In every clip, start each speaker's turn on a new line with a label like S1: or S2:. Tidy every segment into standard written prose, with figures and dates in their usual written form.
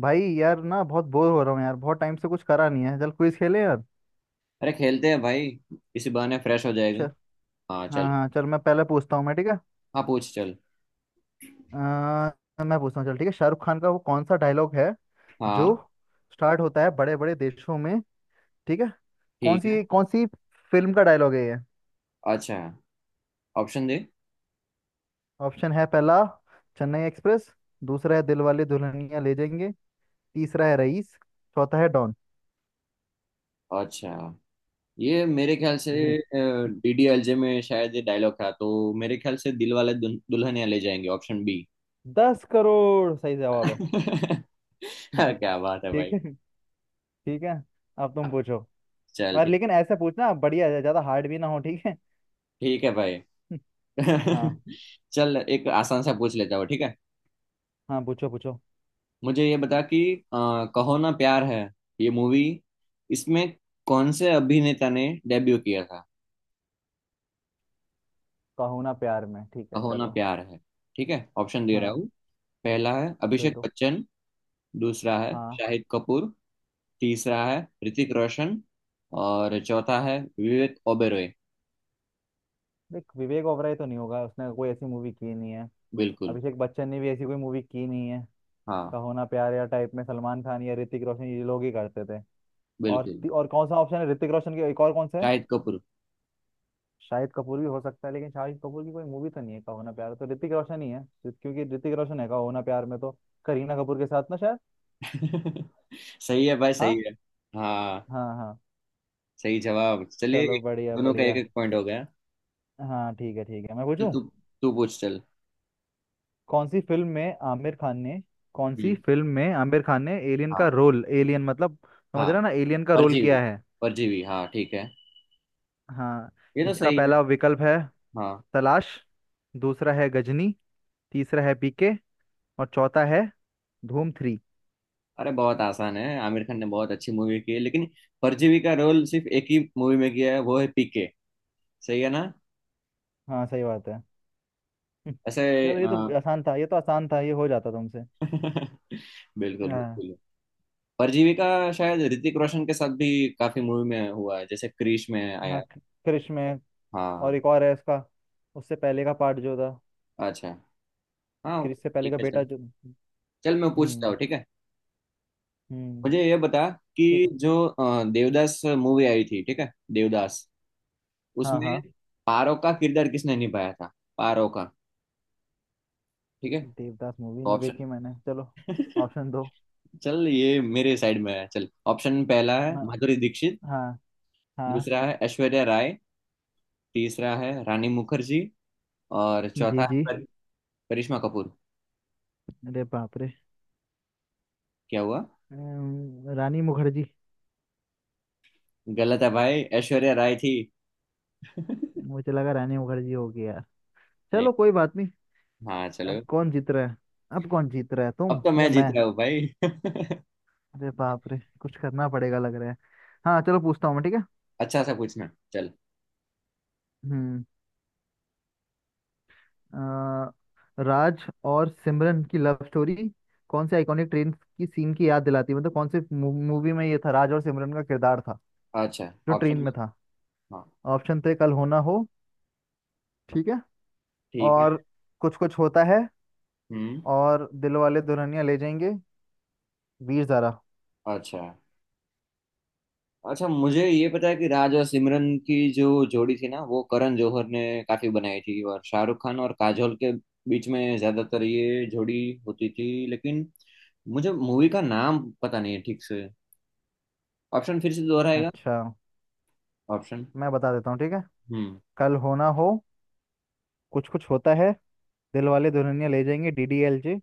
S1: भाई यार ना बहुत बोर हो रहा हूँ यार। बहुत टाइम से कुछ करा नहीं है। चल क्विज खेले यार।
S2: अरे खेलते हैं भाई। इसी बहाने फ्रेश हो
S1: चल।
S2: जाएगी। हाँ चल।
S1: हाँ हाँ चल, मैं पहले पूछता हूँ मैं, ठीक है।
S2: हाँ पूछ चल।
S1: मैं पूछता हूँ चल, ठीक है। शाहरुख खान का वो कौन सा डायलॉग है जो
S2: हाँ
S1: स्टार्ट होता है बड़े बड़े देशों में? ठीक है।
S2: ठीक है।
S1: कौन सी फिल्म का डायलॉग है ये?
S2: अच्छा ऑप्शन दे।
S1: ऑप्शन है। पहला चेन्नई एक्सप्रेस, दूसरा है दिलवाले दुल्हनिया ले जाएंगे, तीसरा है रईस, चौथा है डॉन।
S2: अच्छा, ये मेरे ख्याल से
S1: जी,
S2: डीडीएलजे में शायद ये डायलॉग था, तो मेरे ख्याल से दिल वाले दुल्हनिया ले जाएंगे, ऑप्शन बी।
S1: दस करोड़ सही जवाब है।
S2: क्या बात है
S1: ठीक
S2: भाई।
S1: है, ठीक है। अब तुम
S2: हाँ,
S1: पूछो।
S2: चल
S1: और
S2: ठीक।
S1: लेकिन ऐसे पूछना बढ़िया है, ज्यादा हार्ड भी ना हो, ठीक है।
S2: ठीक है भाई।
S1: हाँ।
S2: चल एक आसान सा पूछ लेता हूँ, ठीक है।
S1: हाँ पूछो पूछो।
S2: मुझे ये बता कि कहो ना प्यार है, ये मूवी, इसमें कौन से अभिनेता ने डेब्यू किया था।
S1: कहो ना प्यार में, ठीक है
S2: कहो ना
S1: चलो।
S2: प्यार है, ठीक है ऑप्शन दे रहा
S1: हाँ
S2: हूँ। पहला है
S1: दे
S2: अभिषेक
S1: दो।
S2: बच्चन। दूसरा है
S1: हाँ,
S2: शाहिद कपूर। तीसरा है ऋतिक रोशन। और चौथा है विवेक ओबेरॉय।
S1: देख विवेक ओबराय तो नहीं होगा, उसने कोई ऐसी मूवी की नहीं है।
S2: बिल्कुल।
S1: अभिषेक बच्चन ने भी ऐसी कोई मूवी की नहीं है।
S2: हाँ।
S1: कहो ना प्यार या टाइप में सलमान खान या ऋतिक रोशन ये लोग ही करते थे। और
S2: बिल्कुल।
S1: और कौन सा ऑप्शन है ऋतिक रोशन के? एक और कौन सा है?
S2: शाहिद कपूर।
S1: शाहिद कपूर भी हो सकता है, लेकिन शाहिद कपूर की कोई मूवी तो नहीं है कहो ना प्यार, तो ऋतिक रोशन ही है। क्योंकि ऋतिक रोशन है कहो ना प्यार में तो, करीना कपूर के साथ ना शायद।
S2: सही है भाई, सही
S1: हाँ।
S2: है। हाँ,
S1: हाँ हाँ।
S2: सही जवाब। चलिए,
S1: चलो
S2: एक
S1: बढ़िया
S2: दोनों का एक
S1: बढ़िया।
S2: एक पॉइंट हो गया।
S1: हाँ ठीक है, ठीक है मैं
S2: तो
S1: पूछूं।
S2: तू तू पूछ चल।
S1: कौन सी फिल्म में आमिर खान ने, कौन सी
S2: हम्म।
S1: फिल्म में आमिर खान ने एलियन का
S2: हाँ
S1: रोल, एलियन मतलब समझ
S2: हाँ।
S1: रहे हो ना, एलियन का रोल
S2: परजीवी।
S1: किया है।
S2: परजीवी, हाँ ठीक है।
S1: हाँ।
S2: ये तो
S1: इसका
S2: सही है।
S1: पहला विकल्प है
S2: हाँ।
S1: तलाश, दूसरा है गजनी, तीसरा है पीके, और चौथा है धूम थ्री।
S2: अरे बहुत आसान है, आमिर खान ने बहुत अच्छी मूवी की है, लेकिन परजीवी का रोल सिर्फ एक ही मूवी में किया है, वो है पीके। सही है ना।
S1: हाँ सही बात है।
S2: ऐसे।
S1: चलो ये तो
S2: अ,
S1: आसान था, ये तो आसान था, ये हो जाता तुमसे।
S2: बिल्कुल
S1: हाँ,
S2: बिल्कुल। परजीवी का शायद ऋतिक रोशन के साथ भी काफी मूवी में हुआ है, जैसे क्रिश में आया।
S1: क्रिश में। और
S2: हाँ।
S1: एक और है इसका, उससे पहले का पार्ट जो था।
S2: अच्छा। हाँ।
S1: क्रिश से पहले
S2: ठीक
S1: का
S2: है
S1: बेटा
S2: चल।
S1: जो।
S2: चल मैं पूछता
S1: हम्म।
S2: हूँ, ठीक है।
S1: हम्म।
S2: मुझे ये बता
S1: ठीक
S2: कि
S1: है।
S2: जो देवदास मूवी आई थी, ठीक है, देवदास,
S1: हाँ
S2: उसमें
S1: हाँ।
S2: पारो का किरदार किसने निभाया था। पारो का, ठीक है,
S1: देवदास मूवी नहीं
S2: ऑप्शन।
S1: देखी मैंने, चलो। ऑप्शन दो।
S2: चल, ये मेरे साइड में है चल। ऑप्शन पहला है
S1: हाँ।
S2: माधुरी दीक्षित।
S1: हाँ। हाँ।
S2: दूसरा है ऐश्वर्या राय। तीसरा है रानी मुखर्जी। और चौथा
S1: जी
S2: है
S1: जी।
S2: करिश्मा कपूर।
S1: अरे बाप रे।
S2: क्या हुआ।
S1: रानी मुखर्जी।
S2: गलत है भाई, ऐश्वर्या राय थी।
S1: मुझे लगा रानी मुखर्जी होगी यार।
S2: नहीं।
S1: चलो कोई बात नहीं।
S2: हाँ
S1: अब
S2: चलो।
S1: कौन जीत रहा है? अब कौन जीत रहा है,
S2: अब
S1: तुम
S2: तो
S1: या
S2: मैं जीत
S1: मैं?
S2: रहा हूँ भाई।
S1: अरे बाप रे, कुछ करना पड़ेगा लग रहा है। हाँ चलो पूछता हूँ मैं, ठीक है।
S2: अच्छा सा पूछना चल।
S1: हम्म। अ, राज और सिमरन की लव स्टोरी कौन से आइकॉनिक ट्रेन की सीन की याद दिलाती है? मतलब कौन से मूवी में ये था, राज और सिमरन का किरदार था
S2: अच्छा।
S1: जो ट्रेन
S2: ऑप्शन।
S1: में था?
S2: हाँ
S1: ऑप्शन थे कल होना हो, ठीक है।
S2: ठीक है।
S1: और कुछ कुछ होता है,
S2: हम्म।
S1: और दिल वाले दुल्हनिया ले जाएंगे, वीर ज़ारा।
S2: अच्छा। अच्छा, मुझे ये पता है कि राज और सिमरन की जो जोड़ी थी ना, वो करण जौहर ने काफी बनाई थी, और शाहरुख खान और काजोल के बीच में ज्यादातर ये जोड़ी होती थी, लेकिन मुझे मूवी का नाम पता नहीं है ठीक से। ऑप्शन फिर से दोहराएगा।
S1: अच्छा,
S2: ऑप्शन।
S1: मैं बता देता हूँ ठीक है।
S2: हम्म।
S1: कल होना हो, कुछ कुछ होता है, दिल वाले Dulhania Le Jayenge D D L J,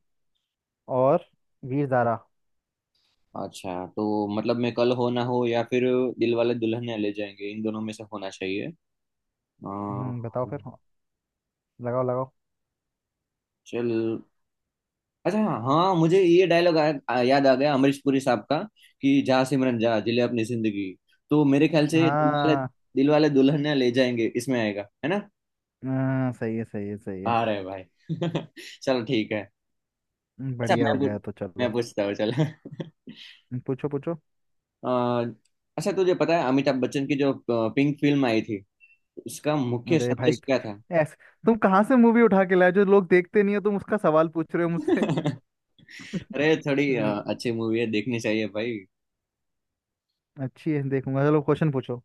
S1: और वीर ज़ारा।
S2: अच्छा, तो मतलब मैं कल हो ना हो या फिर दिल वाले दुल्हनिया ले जाएंगे, इन दोनों में से होना चाहिए। अ,
S1: बताओ फिर, लगाओ लगाओ।
S2: चल। अच्छा। हाँ हाँ, मुझे ये डायलॉग याद आ गया, अमरीश पुरी साहब का, कि जा सिमरन जा, जिले अपनी जिंदगी। तो मेरे ख्याल से
S1: हाँ।
S2: दिल वाले दुल्हनिया ले जाएंगे, इसमें आएगा, है ना।
S1: हाँ, सही है सही है सही है।
S2: आ रहे भाई। चलो, ठीक है। अच्छा,
S1: बढ़िया हो गया, तो
S2: मैं
S1: चलो।
S2: पूछता हूँ चल।
S1: पूछो पूछो।
S2: अ, अच्छा, तुझे पता है अमिताभ बच्चन की जो पिंक फिल्म आई थी, उसका मुख्य
S1: अरे भाई,
S2: संदेश क्या था।
S1: ऐस, तुम कहाँ से मूवी उठा के लाए जो लोग देखते नहीं हो? तुम उसका सवाल पूछ रहे हो मुझसे।
S2: अरे थोड़ी
S1: हम्म,
S2: अच्छी मूवी है, देखनी चाहिए भाई।
S1: अच्छी है देखूंगा, चलो क्वेश्चन पूछो।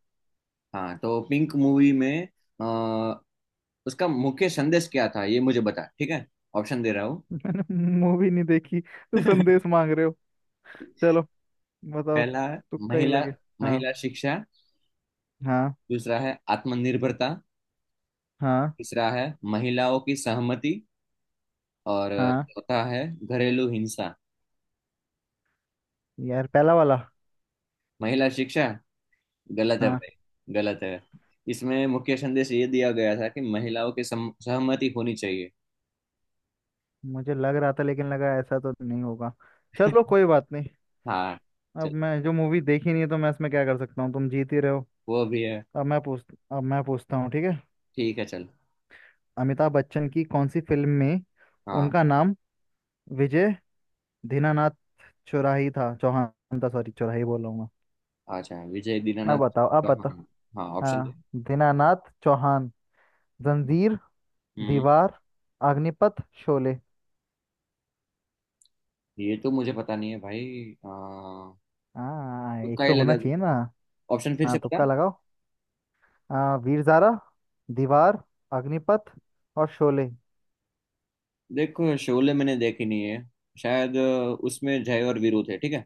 S2: हाँ, तो पिंक मूवी में उसका मुख्य संदेश क्या था, ये मुझे बता, ठीक है ऑप्शन दे रहा हूँ।
S1: मैंने मूवी नहीं देखी तो संदेश मांग रहे हो। चलो बताओ,
S2: पहला है
S1: तुक्का ही
S2: महिला
S1: लगे। हाँ।
S2: महिला शिक्षा।
S1: हाँ।
S2: दूसरा है आत्मनिर्भरता।
S1: हाँ।
S2: तीसरा है महिलाओं की सहमति। और
S1: हाँ,
S2: चौथा है घरेलू हिंसा।
S1: यार पहला वाला।
S2: महिला शिक्षा गलत है
S1: हाँ।
S2: भाई, गलत है। इसमें मुख्य संदेश ये दिया गया था कि महिलाओं की सहमति होनी चाहिए।
S1: मुझे लग रहा था, लेकिन लगा ऐसा तो नहीं होगा। चलो कोई बात नहीं।
S2: हाँ
S1: अब
S2: चल।
S1: मैं जो मूवी देखी नहीं है तो मैं इसमें क्या कर सकता हूँ, तुम जीत ही रहे हो।
S2: वो भी है।
S1: अब मैं पूछ अब मैं पूछता हूँ, ठीक है।
S2: ठीक है चल।
S1: अमिताभ बच्चन की कौन सी फिल्म में
S2: हाँ।
S1: उनका नाम विजय दीनानाथ चौराही था, चौहान था सॉरी, चौराही बोल रहा हूँ मैं।
S2: अच्छा, विजय
S1: अब
S2: दीनानाथ।
S1: बताओ, अब बताओ।
S2: हाँ हाँ, ऑप्शन दे।
S1: हाँ दीनानाथ चौहान। जंजीर,
S2: हम्म।
S1: दीवार, अग्निपथ, शोले।
S2: ये तो मुझे पता नहीं है भाई,
S1: हाँ एक
S2: तुक्का ही
S1: तो होना
S2: लगा
S1: चाहिए
S2: दूंगा।
S1: ना।
S2: ऑप्शन फिर
S1: हाँ
S2: से बता।
S1: तुक्का लगाओ। हाँ, वीर ज़ारा, दीवार, अग्निपथ, और शोले।
S2: देखो, शोले मैंने देखी नहीं है। शायद उसमें जय और वीरू थे, ठीक है।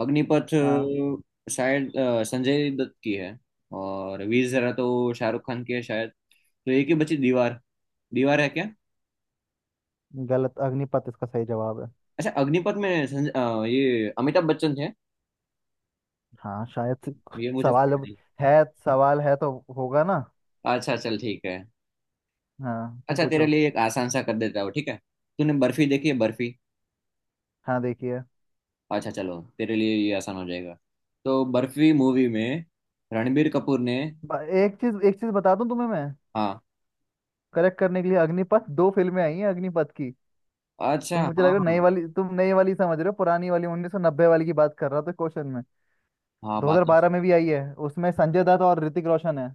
S2: अग्निपथ
S1: हाँ
S2: शायद संजय दत्त की है। और वीर ज़रा तो शाहरुख खान की है शायद, तो एक ही बची दीवार। दीवार है क्या।
S1: गलत, अग्निपथ इसका सही जवाब है।
S2: अच्छा, अग्निपथ में ये अमिताभ बच्चन थे।
S1: हाँ शायद
S2: ये मुझे
S1: सवाल
S2: पता
S1: अब
S2: नहीं।
S1: है, सवाल है तो होगा ना।
S2: अच्छा, चल ठीक है।
S1: हाँ तुम
S2: अच्छा, तेरे
S1: पूछो।
S2: लिए एक आसान सा कर देता हूँ, ठीक है। तूने बर्फी देखी है, बर्फी।
S1: हाँ देखिए।
S2: अच्छा चलो, तेरे लिए ये आसान हो जाएगा। तो बर्फी मूवी में रणबीर कपूर ने।
S1: एक चीज, एक चीज बता दूं तुम्हें मैं,
S2: हाँ।
S1: करेक्ट करने के लिए, अग्निपथ दो फिल्में आई हैं अग्निपथ की।
S2: अच्छा।
S1: तुम, मुझे लग
S2: हाँ।
S1: रहा है नई वाली, तुम नई वाली समझ रहे हो, पुरानी वाली 1990 वाली की बात कर रहा था क्वेश्चन में।
S2: हाँ, बात तो
S1: 2012
S2: सही
S1: में
S2: है।
S1: भी आई है, उसमें संजय दत्त और ऋतिक रोशन है।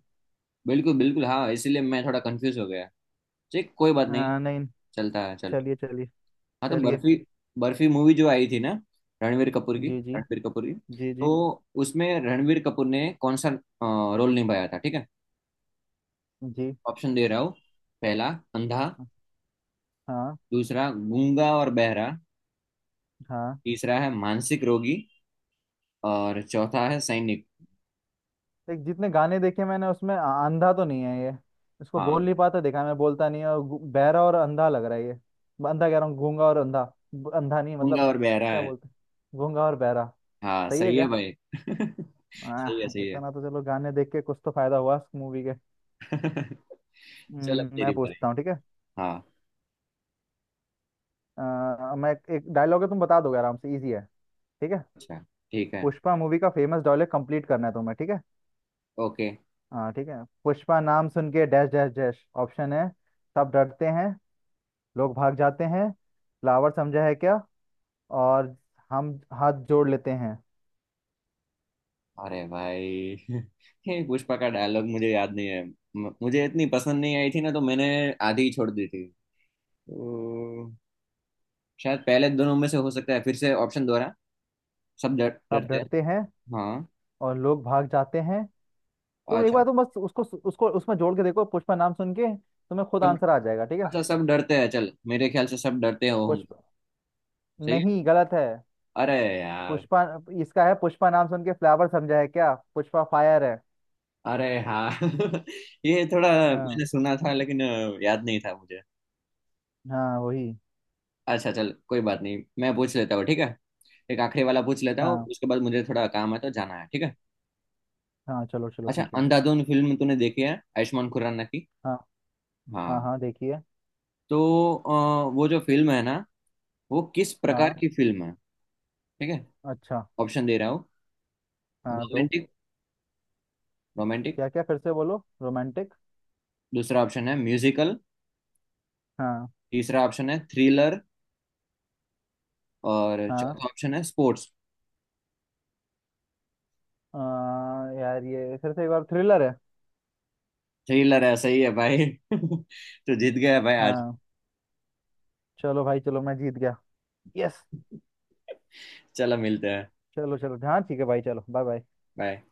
S2: बिल्कुल बिल्कुल, हाँ, इसीलिए मैं थोड़ा कंफ्यूज हो गया। ठीक, कोई बात नहीं।
S1: हाँ नहीं।
S2: चलता है, चल।
S1: चलिए चलिए।
S2: हाँ, तो
S1: चलिए।
S2: बर्फी बर्फी मूवी जो आई थी ना, रणबीर कपूर की।
S1: जी जी।
S2: रणबीर कपूर की
S1: जी
S2: तो
S1: जी।
S2: उसमें रणबीर कपूर ने कौन सा रोल निभाया था, ठीक है।
S1: जी।
S2: ऑप्शन दे रहा हूँ। पहला, अंधा।
S1: हाँ।
S2: दूसरा, गूंगा और बहरा।
S1: हाँ
S2: तीसरा है मानसिक रोगी। और चौथा है सैनिक।
S1: देख जितने गाने देखे मैंने उसमें अंधा तो नहीं है ये। इसको बोल
S2: हाँ,
S1: नहीं पाता देखा, मैं, बोलता नहीं है, और बहरा और अंधा लग रहा है ये। अंधा कह रहा हूँ, गूंगा और अंधा। अंधा नहीं
S2: गूंगा
S1: मतलब,
S2: और बहरा
S1: क्या
S2: है।
S1: बोलते हैं, गूंगा और बहरा।
S2: हाँ,
S1: सही है
S2: सही है
S1: क्या?
S2: भाई। सही है,
S1: आह,
S2: सही है।
S1: इतना तो चलो गाने देख के कुछ तो फायदा हुआ मूवी के।
S2: चल, अब तेरी
S1: मैं
S2: बारी।
S1: पूछता हूँ ठीक है।
S2: हाँ।
S1: मैं एक डायलॉग है तुम बता दोगे आराम से, इजी है, ठीक है।
S2: अच्छा। ठीक है।
S1: पुष्पा मूवी का फेमस डायलॉग कंप्लीट करना है तुम्हें, ठीक है।
S2: ओके।
S1: हाँ ठीक है। पुष्पा नाम सुन के डैश डैश डैश। ऑप्शन है, सब डरते हैं, लोग भाग जाते हैं, फ्लावर समझा है क्या, और हम हाथ जोड़ लेते हैं।
S2: अरे भाई। ये पुष्पा का डायलॉग मुझे याद नहीं है, मुझे इतनी पसंद नहीं आई थी ना, तो मैंने आधी ही छोड़ दी थी। तो शायद पहले दोनों में से हो सकता है, फिर से ऑप्शन दोहरा। सब डर
S1: सब
S2: डरते हैं।
S1: डरते हैं
S2: हाँ।
S1: और लोग भाग जाते हैं। तुम एक बार,
S2: अच्छा,
S1: तुम बस उसको, उसको उसमें जोड़ के देखो, पुष्पा नाम सुन के, तुम्हें खुद
S2: सब।
S1: आंसर आ जाएगा ठीक है।
S2: अच्छा, सब डरते हैं, चल, मेरे ख्याल से सब डरते होंगे।
S1: पुष्पा।
S2: सही है।
S1: नहीं गलत है।
S2: अरे यार।
S1: पुष्पा, इसका है पुष्पा नाम सुन के फ्लावर समझा है क्या, पुष्पा फायर है।
S2: अरे हाँ। ये थोड़ा
S1: हाँ।
S2: मैंने सुना था, लेकिन याद नहीं था मुझे।
S1: हाँ वही।
S2: अच्छा, चल कोई बात नहीं, मैं पूछ लेता हूँ ठीक है। एक आखिरी वाला पूछ लेता हूँ,
S1: हाँ
S2: उसके बाद मुझे थोड़ा काम है तो जाना है, ठीक है।
S1: हाँ चलो चलो
S2: अच्छा,
S1: ठीक है।
S2: अंधाधुन फिल्म तूने देखी है, आयुष्मान खुराना की।
S1: हाँ। हाँ
S2: हाँ।
S1: हाँ देखिए।
S2: तो वो जो फिल्म है ना, वो किस प्रकार
S1: हाँ।
S2: की फिल्म है, ठीक है
S1: अच्छा।
S2: ऑप्शन दे रहा हूँ।
S1: हाँ दो।
S2: रोमांटिक
S1: हाँ,
S2: रोमांटिक।
S1: क्या क्या, फिर से बोलो, रोमांटिक।
S2: दूसरा ऑप्शन है म्यूजिकल।
S1: हाँ।
S2: तीसरा ऑप्शन है थ्रिलर। और
S1: हाँ।
S2: चौथा ऑप्शन है स्पोर्ट्स।
S1: आ, यार ये फिर से एक बार, थ्रिलर है।
S2: थ्रिलर है, सही है भाई। तो जीत गया भाई आज।
S1: हाँ। चलो भाई, चलो, मैं जीत गया। यस।
S2: चलो, मिलते हैं।
S1: चलो चलो हाँ ठीक है भाई चलो बाय बाय।
S2: बाय।